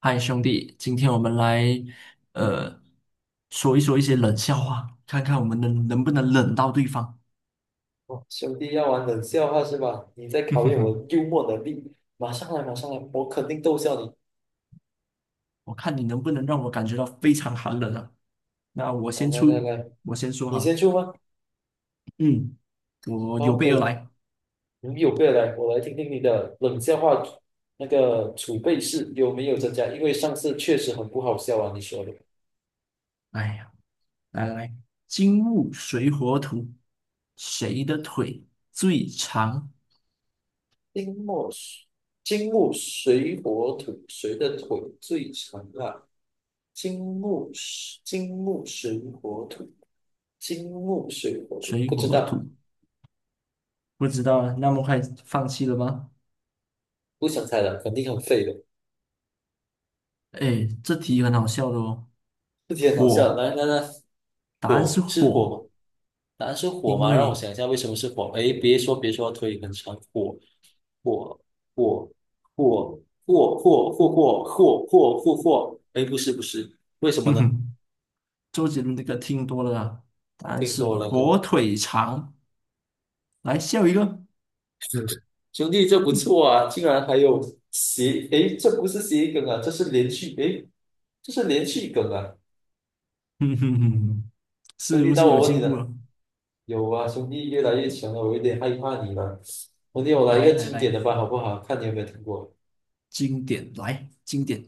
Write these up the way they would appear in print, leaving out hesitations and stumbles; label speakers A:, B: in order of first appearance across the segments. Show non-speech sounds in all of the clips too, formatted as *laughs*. A: 嗨，兄弟，今天我们来呃说一说一些冷笑话，看看我们能不能冷到对方。
B: 哦，兄弟要玩冷笑话是吧？你在
A: *laughs* 哼
B: 考
A: 哼
B: 验我
A: 哼，
B: 的幽默能力。马上来，马上来，我肯定逗笑你。
A: 我看你能不能让我感觉到非常寒冷啊！那我
B: 哦，
A: 先
B: 来来
A: 出，
B: 来，
A: 我先说
B: 你先
A: 哈，
B: 出吗？
A: 嗯，我
B: 好，
A: 有
B: 可
A: 备而
B: 以。
A: 来。
B: 你有备而来，我来听听你的冷笑话，那个储备室有没有增加？因为上次确实很不好笑啊，你说的。
A: 哎呀，来来来，金木水火土，谁的腿最长？
B: 金木水，金木水火土，谁的腿最长啊？金木水，金木水火土，金木水火土，
A: 水
B: 不知
A: 火
B: 道，
A: 土，不知道啊，那么快放弃了吗？
B: 不想猜了，肯定很废的。
A: 哎，这题很好笑的哦。
B: 这题很好笑。
A: 火，
B: 来来来，
A: 答案是
B: 火是火
A: 火。
B: 吗？答案是火
A: 因
B: 吗？让我
A: 为
B: 想一下，为什么是火？哎，别说别说，腿很长，火火火火火火火火火火火火。哎，不是不是，为什么
A: 哼
B: 呢？
A: 哼，*laughs* 周杰伦的歌听多了啊，答案
B: 听
A: 是
B: 多了就
A: 火腿肠。来笑一个，
B: *laughs* 兄弟，这不错
A: *laughs*
B: 啊，竟然还有这不是谐音梗啊，这是连续梗啊。
A: 哼哼哼，
B: 兄
A: 是
B: 弟，
A: 不
B: 到
A: 是有
B: 我问
A: 进
B: 你
A: 步了？
B: 了，有啊，兄弟越来越强了，我有点害怕你了。兄弟，我来一
A: 来
B: 个
A: 来
B: 经典
A: 来，
B: 的吧，好不好？看你有没有听过。
A: 经典来经典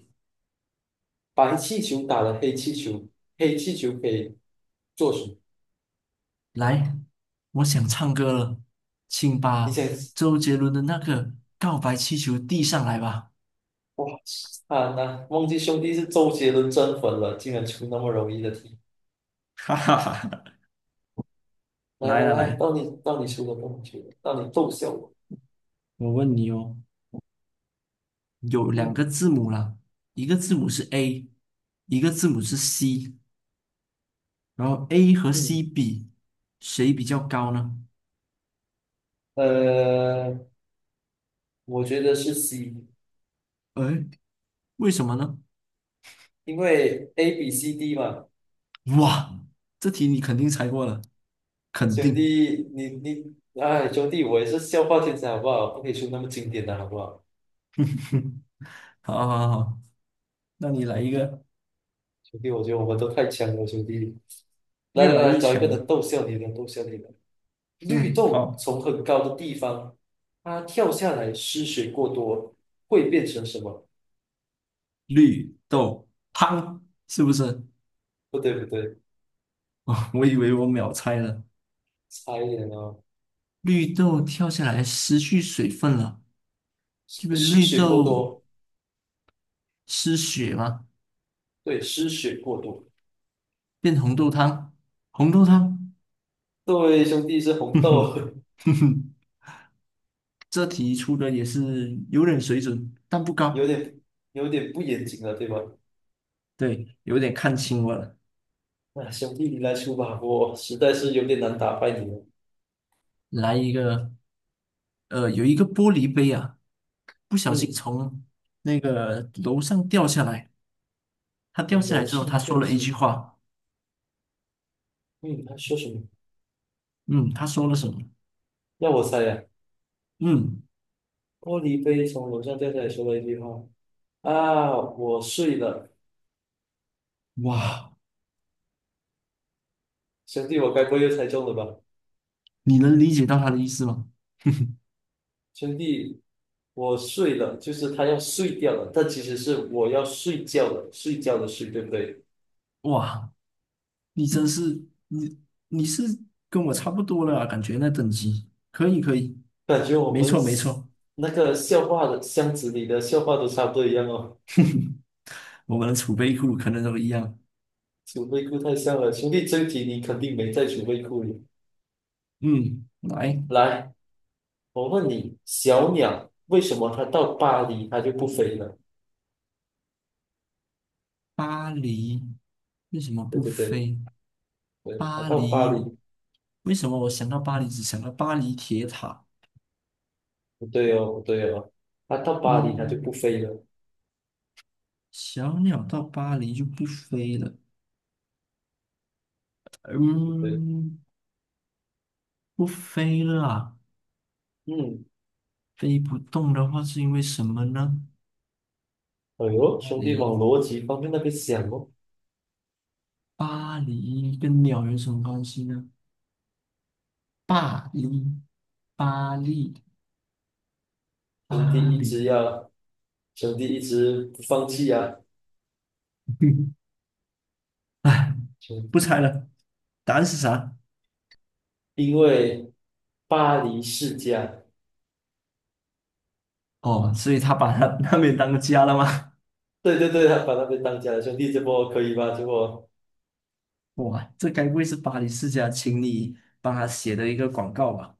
B: 白气球打了黑气球，黑气球可以做什么？
A: 来，我想唱歌了，请把
B: 你想，
A: 周杰伦的那个《告白气球》递上来吧。
B: 哇，啊，那忘记兄弟是周杰伦真粉了，竟然出那么容易的题。
A: *laughs* 哈哈哈，
B: 来
A: 来
B: 来
A: 来
B: 来，
A: 来，
B: 到你到你出了，到你出了，到你逗笑我。
A: 我问你哦，有两个
B: 嗯
A: 字母啦，一个字母是 A，一个字母是 C，然后 A 和
B: 嗯，
A: C 比，谁比较高呢？
B: 呃，我觉得是 C，
A: 哎，为什么呢？
B: 因为 A B C D 嘛。
A: 哇，这题你肯定猜过了，肯
B: 兄
A: 定。
B: 弟，哎，兄弟，我也是笑话天才好不好？不可以出那么经典的好不好？
A: 好好好，好那你来一个
B: 兄弟，我觉得我们都太强了，兄弟。来
A: 越
B: 来
A: 来
B: 来，
A: 越
B: 找一个
A: 强
B: 人
A: 了。
B: 逗笑你的，逗笑你的。绿
A: 嗯，
B: 豆
A: 好，
B: 从很高的地方，它跳下来失血过多，会变成什么？
A: 绿豆汤是不是？
B: 不对不对，
A: 哦，我以为我秒猜了。
B: 差一点哦，
A: 绿豆跳下来失去水分了，这
B: 失
A: 边
B: 失
A: 绿
B: 血过
A: 豆
B: 多，
A: 失血嘛，
B: 对，失血过多。
A: 变红豆汤，红豆汤，
B: 对，兄弟是
A: *laughs*
B: 红
A: 哼
B: 豆啊。
A: 哼哼哼，这题出的也是有点水准，但不
B: *laughs* 有
A: 高。
B: 点有点不严谨了，对吧？
A: 对，有点看清我了。
B: 那兄弟你来出吧，我实在是有点难打败你了。
A: 来一个，有一个玻璃杯啊，不小心
B: 嗯，
A: 从那个楼上掉下来。他掉
B: 从
A: 下来
B: 楼
A: 之后，
B: 上
A: 他说
B: 掉
A: 了一
B: 下来，
A: 句话，
B: 嗯，他说什么？
A: 嗯，他说了什么？
B: 要我猜呀，
A: 嗯，
B: 玻璃杯从楼上掉下来说了一句话，啊，我睡了，
A: 哇，
B: 兄弟，我该不会又猜中了吧？
A: 你能理解到他的意思吗？
B: 兄弟，我睡了，就是他要睡掉了，但其实是我要睡觉了，睡觉的睡，对不对？
A: 哇，你真是，你是跟我差不多了啊，感觉那等级，可以可以，
B: 感觉我
A: 没
B: 们
A: 错没错，
B: 那个笑话的箱子里的笑话都差不多一样哦。
A: 我们的储备库可能都一样。
B: 储备库太像了，兄弟，这一题你肯定没在储备库里。
A: 嗯，来，
B: 来，我问你，小鸟为什么它到巴黎它就不飞了？
A: 巴黎为什么
B: 对
A: 不
B: 对对
A: 飞？
B: 对，它
A: 巴
B: 到巴
A: 黎，
B: 黎
A: 为什么我想到巴黎只想到巴黎铁塔？
B: 不对哦，不对哦，它到巴黎它就不
A: 嗯，
B: 飞了，对
A: 小鸟到巴黎就不飞了。
B: 不对？
A: 嗯，不飞了啊
B: 嗯，
A: 飞不动的话是因为什么呢？
B: 哎呦，
A: 巴
B: 兄弟
A: 黎，
B: 往逻辑方面那边想哦。
A: 巴黎跟鸟有什么关系呢？巴黎，巴黎，
B: 兄弟
A: 巴
B: 一直
A: 黎。
B: 要，兄弟一直不放弃啊，
A: *laughs* 哎，不猜了，答案是啥？
B: 因为巴黎世家，
A: 哦，所以他把他那边当个家了吗？
B: 对对对，他把那边当家的兄弟，这波可以吧？这波，
A: 哇，这该不会是巴黎世家请你帮他写的一个广告吧？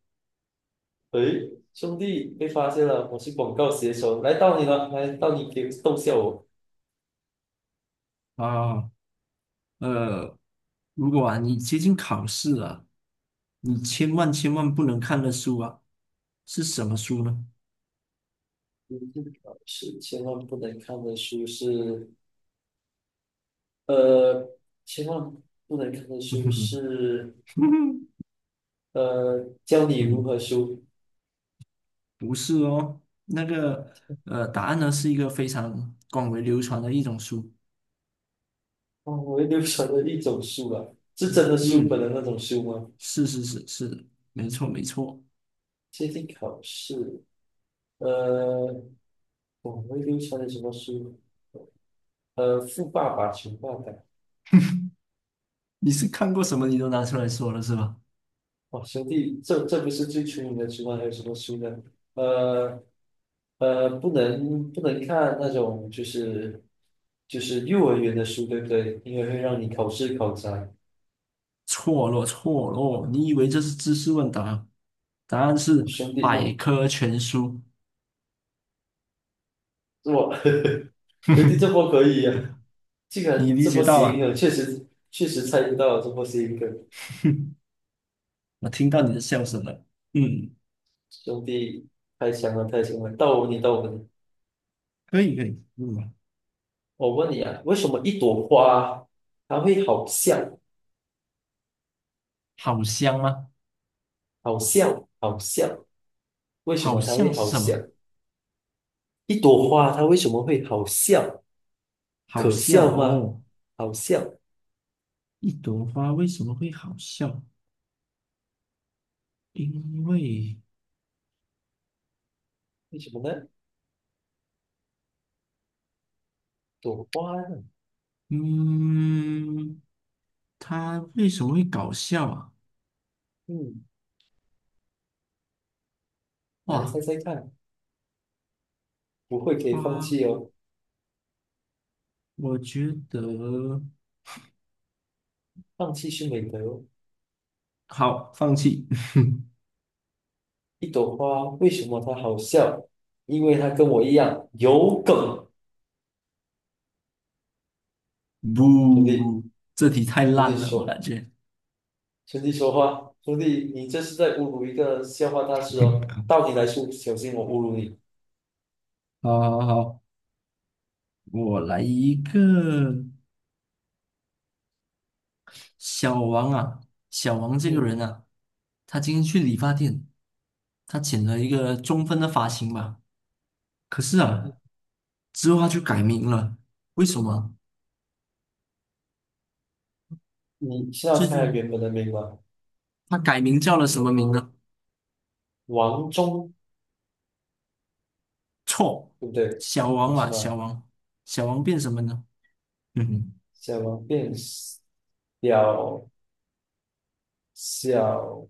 B: 诶，兄弟被发现了，我是广告写手，来到你了，来到你给逗笑我。
A: 啊，呃，如果啊你接近考试了，你千万千万不能看的书啊，是什么书呢？
B: 是千万不能看的书是，呃，千万不能看的书
A: *laughs*
B: 是，教你如何输。
A: 不是哦，那个答案呢是一个非常广为流传的一种书。
B: 哦，我会流传的一种书啊，是真的书本
A: 嗯，
B: 的那种书吗？
A: 是是是是，没错没错。
B: 接近考试，呃，我们流传的什么书？呃，《富爸爸穷爸爸》。
A: 你是看过什么你都拿出来说了是吧？
B: 哦，兄弟，这不是最出名的书吗？还有什么书呢？呃不能看那种就是幼儿园的书，对不对？因为会让你考试考砸。
A: 错了，错了，你以为这是知识问答？答案
B: 我、
A: 是
B: 兄弟
A: 百
B: 哦，
A: 科全书。
B: 这我 *laughs* 兄弟这
A: *laughs*
B: 波可以呀，这个
A: 你理
B: 这
A: 解
B: 波
A: 到
B: 谐音
A: 啊？
B: 梗确实猜不到，这波谐音梗，
A: *laughs* 我听到你的笑声了。嗯，
B: 兄弟太强了太强了，到我你。
A: 可以可以，嗯，
B: 我问你啊，为什么一朵花它会好笑？
A: 好香吗？
B: 好笑，好笑，为什
A: 好
B: 么它
A: 像
B: 会
A: 是
B: 好
A: 什
B: 笑？
A: 么？
B: 一朵花它为什么会好笑？
A: 好
B: 可
A: 笑
B: 笑吗？
A: 哦。
B: 好笑，
A: 一朵花为什么会好笑？因为，
B: 为什么呢？朵花呢？
A: 嗯，它为什么会搞笑啊？
B: 嗯，来猜
A: 哇，
B: 猜看，不会可以放
A: 花，
B: 弃哦，
A: 我觉得
B: 放弃是美德哦。
A: 好，放弃。*laughs*
B: 一朵花为什么它好笑？因为它跟我一样有梗。兄弟，
A: 不，这题太
B: 兄
A: 烂
B: 弟
A: 了，我
B: 说，
A: 感觉。
B: 兄弟说话，兄弟，你这是在侮辱一个笑话大师哦。
A: *laughs*
B: 到底来说，小心我侮辱你。
A: 好好好，我来一个小王啊，小王这个
B: 嗯，
A: 人啊，他今天去理发店，他剪了一个中分的发型吧，可是啊，之后他就改名了，为什么？
B: 你是要
A: 最
B: 猜
A: 近
B: 原本的名吗？
A: 他改名叫了什么名呢？
B: 王忠，
A: 错，
B: 对不对？
A: 小王
B: 不是
A: 嘛，
B: 吗？
A: 小王，小王变什么呢？嗯哼，
B: 小王变小，小，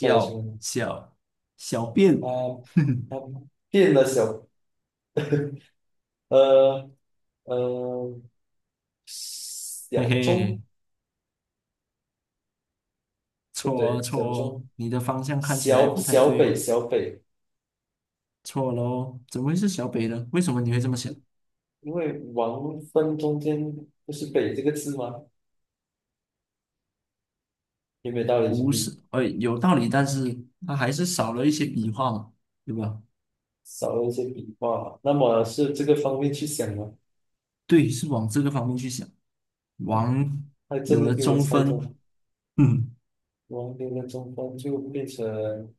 B: 他是什么呢？
A: 小小便，
B: 他他变了小，呃呃，
A: *laughs*
B: 小
A: 嘿
B: 忠，
A: 嘿。
B: 对不
A: 错哦，
B: 对？
A: 错
B: 小
A: 哦，
B: 忠，
A: 你的方向看起来不太对哦，
B: 小北，
A: 错喽，怎么会是小北呢？为什么你会这么想？
B: 因为王分中间不是北这个字吗？有没有道理兄
A: 不
B: 弟？
A: 是，有道理，但是它还是少了一些笔画嘛，对吧？
B: 少了一些笔画，那么是这个方面去想吗？
A: 对，是往这个方面去想，
B: 哇，
A: 王
B: 还真
A: 有
B: 的
A: 了
B: 给我
A: 中
B: 猜中了。
A: 分，嗯，
B: 王林的中分就变成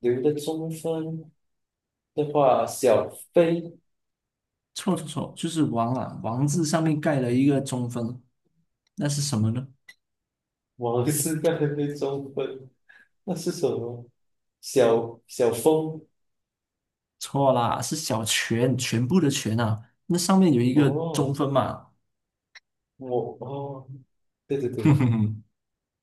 B: 刘的中分的话，小飞，
A: 错错错，就是王啊，王字上面盖了一个中分，那是什么呢？
B: 王是个人的中分，那是什么？小小峰。
A: 错啦，是小全，全部的全啊，那上面有一个中
B: 哦，
A: 分嘛，
B: 我哦，对对对，
A: *laughs*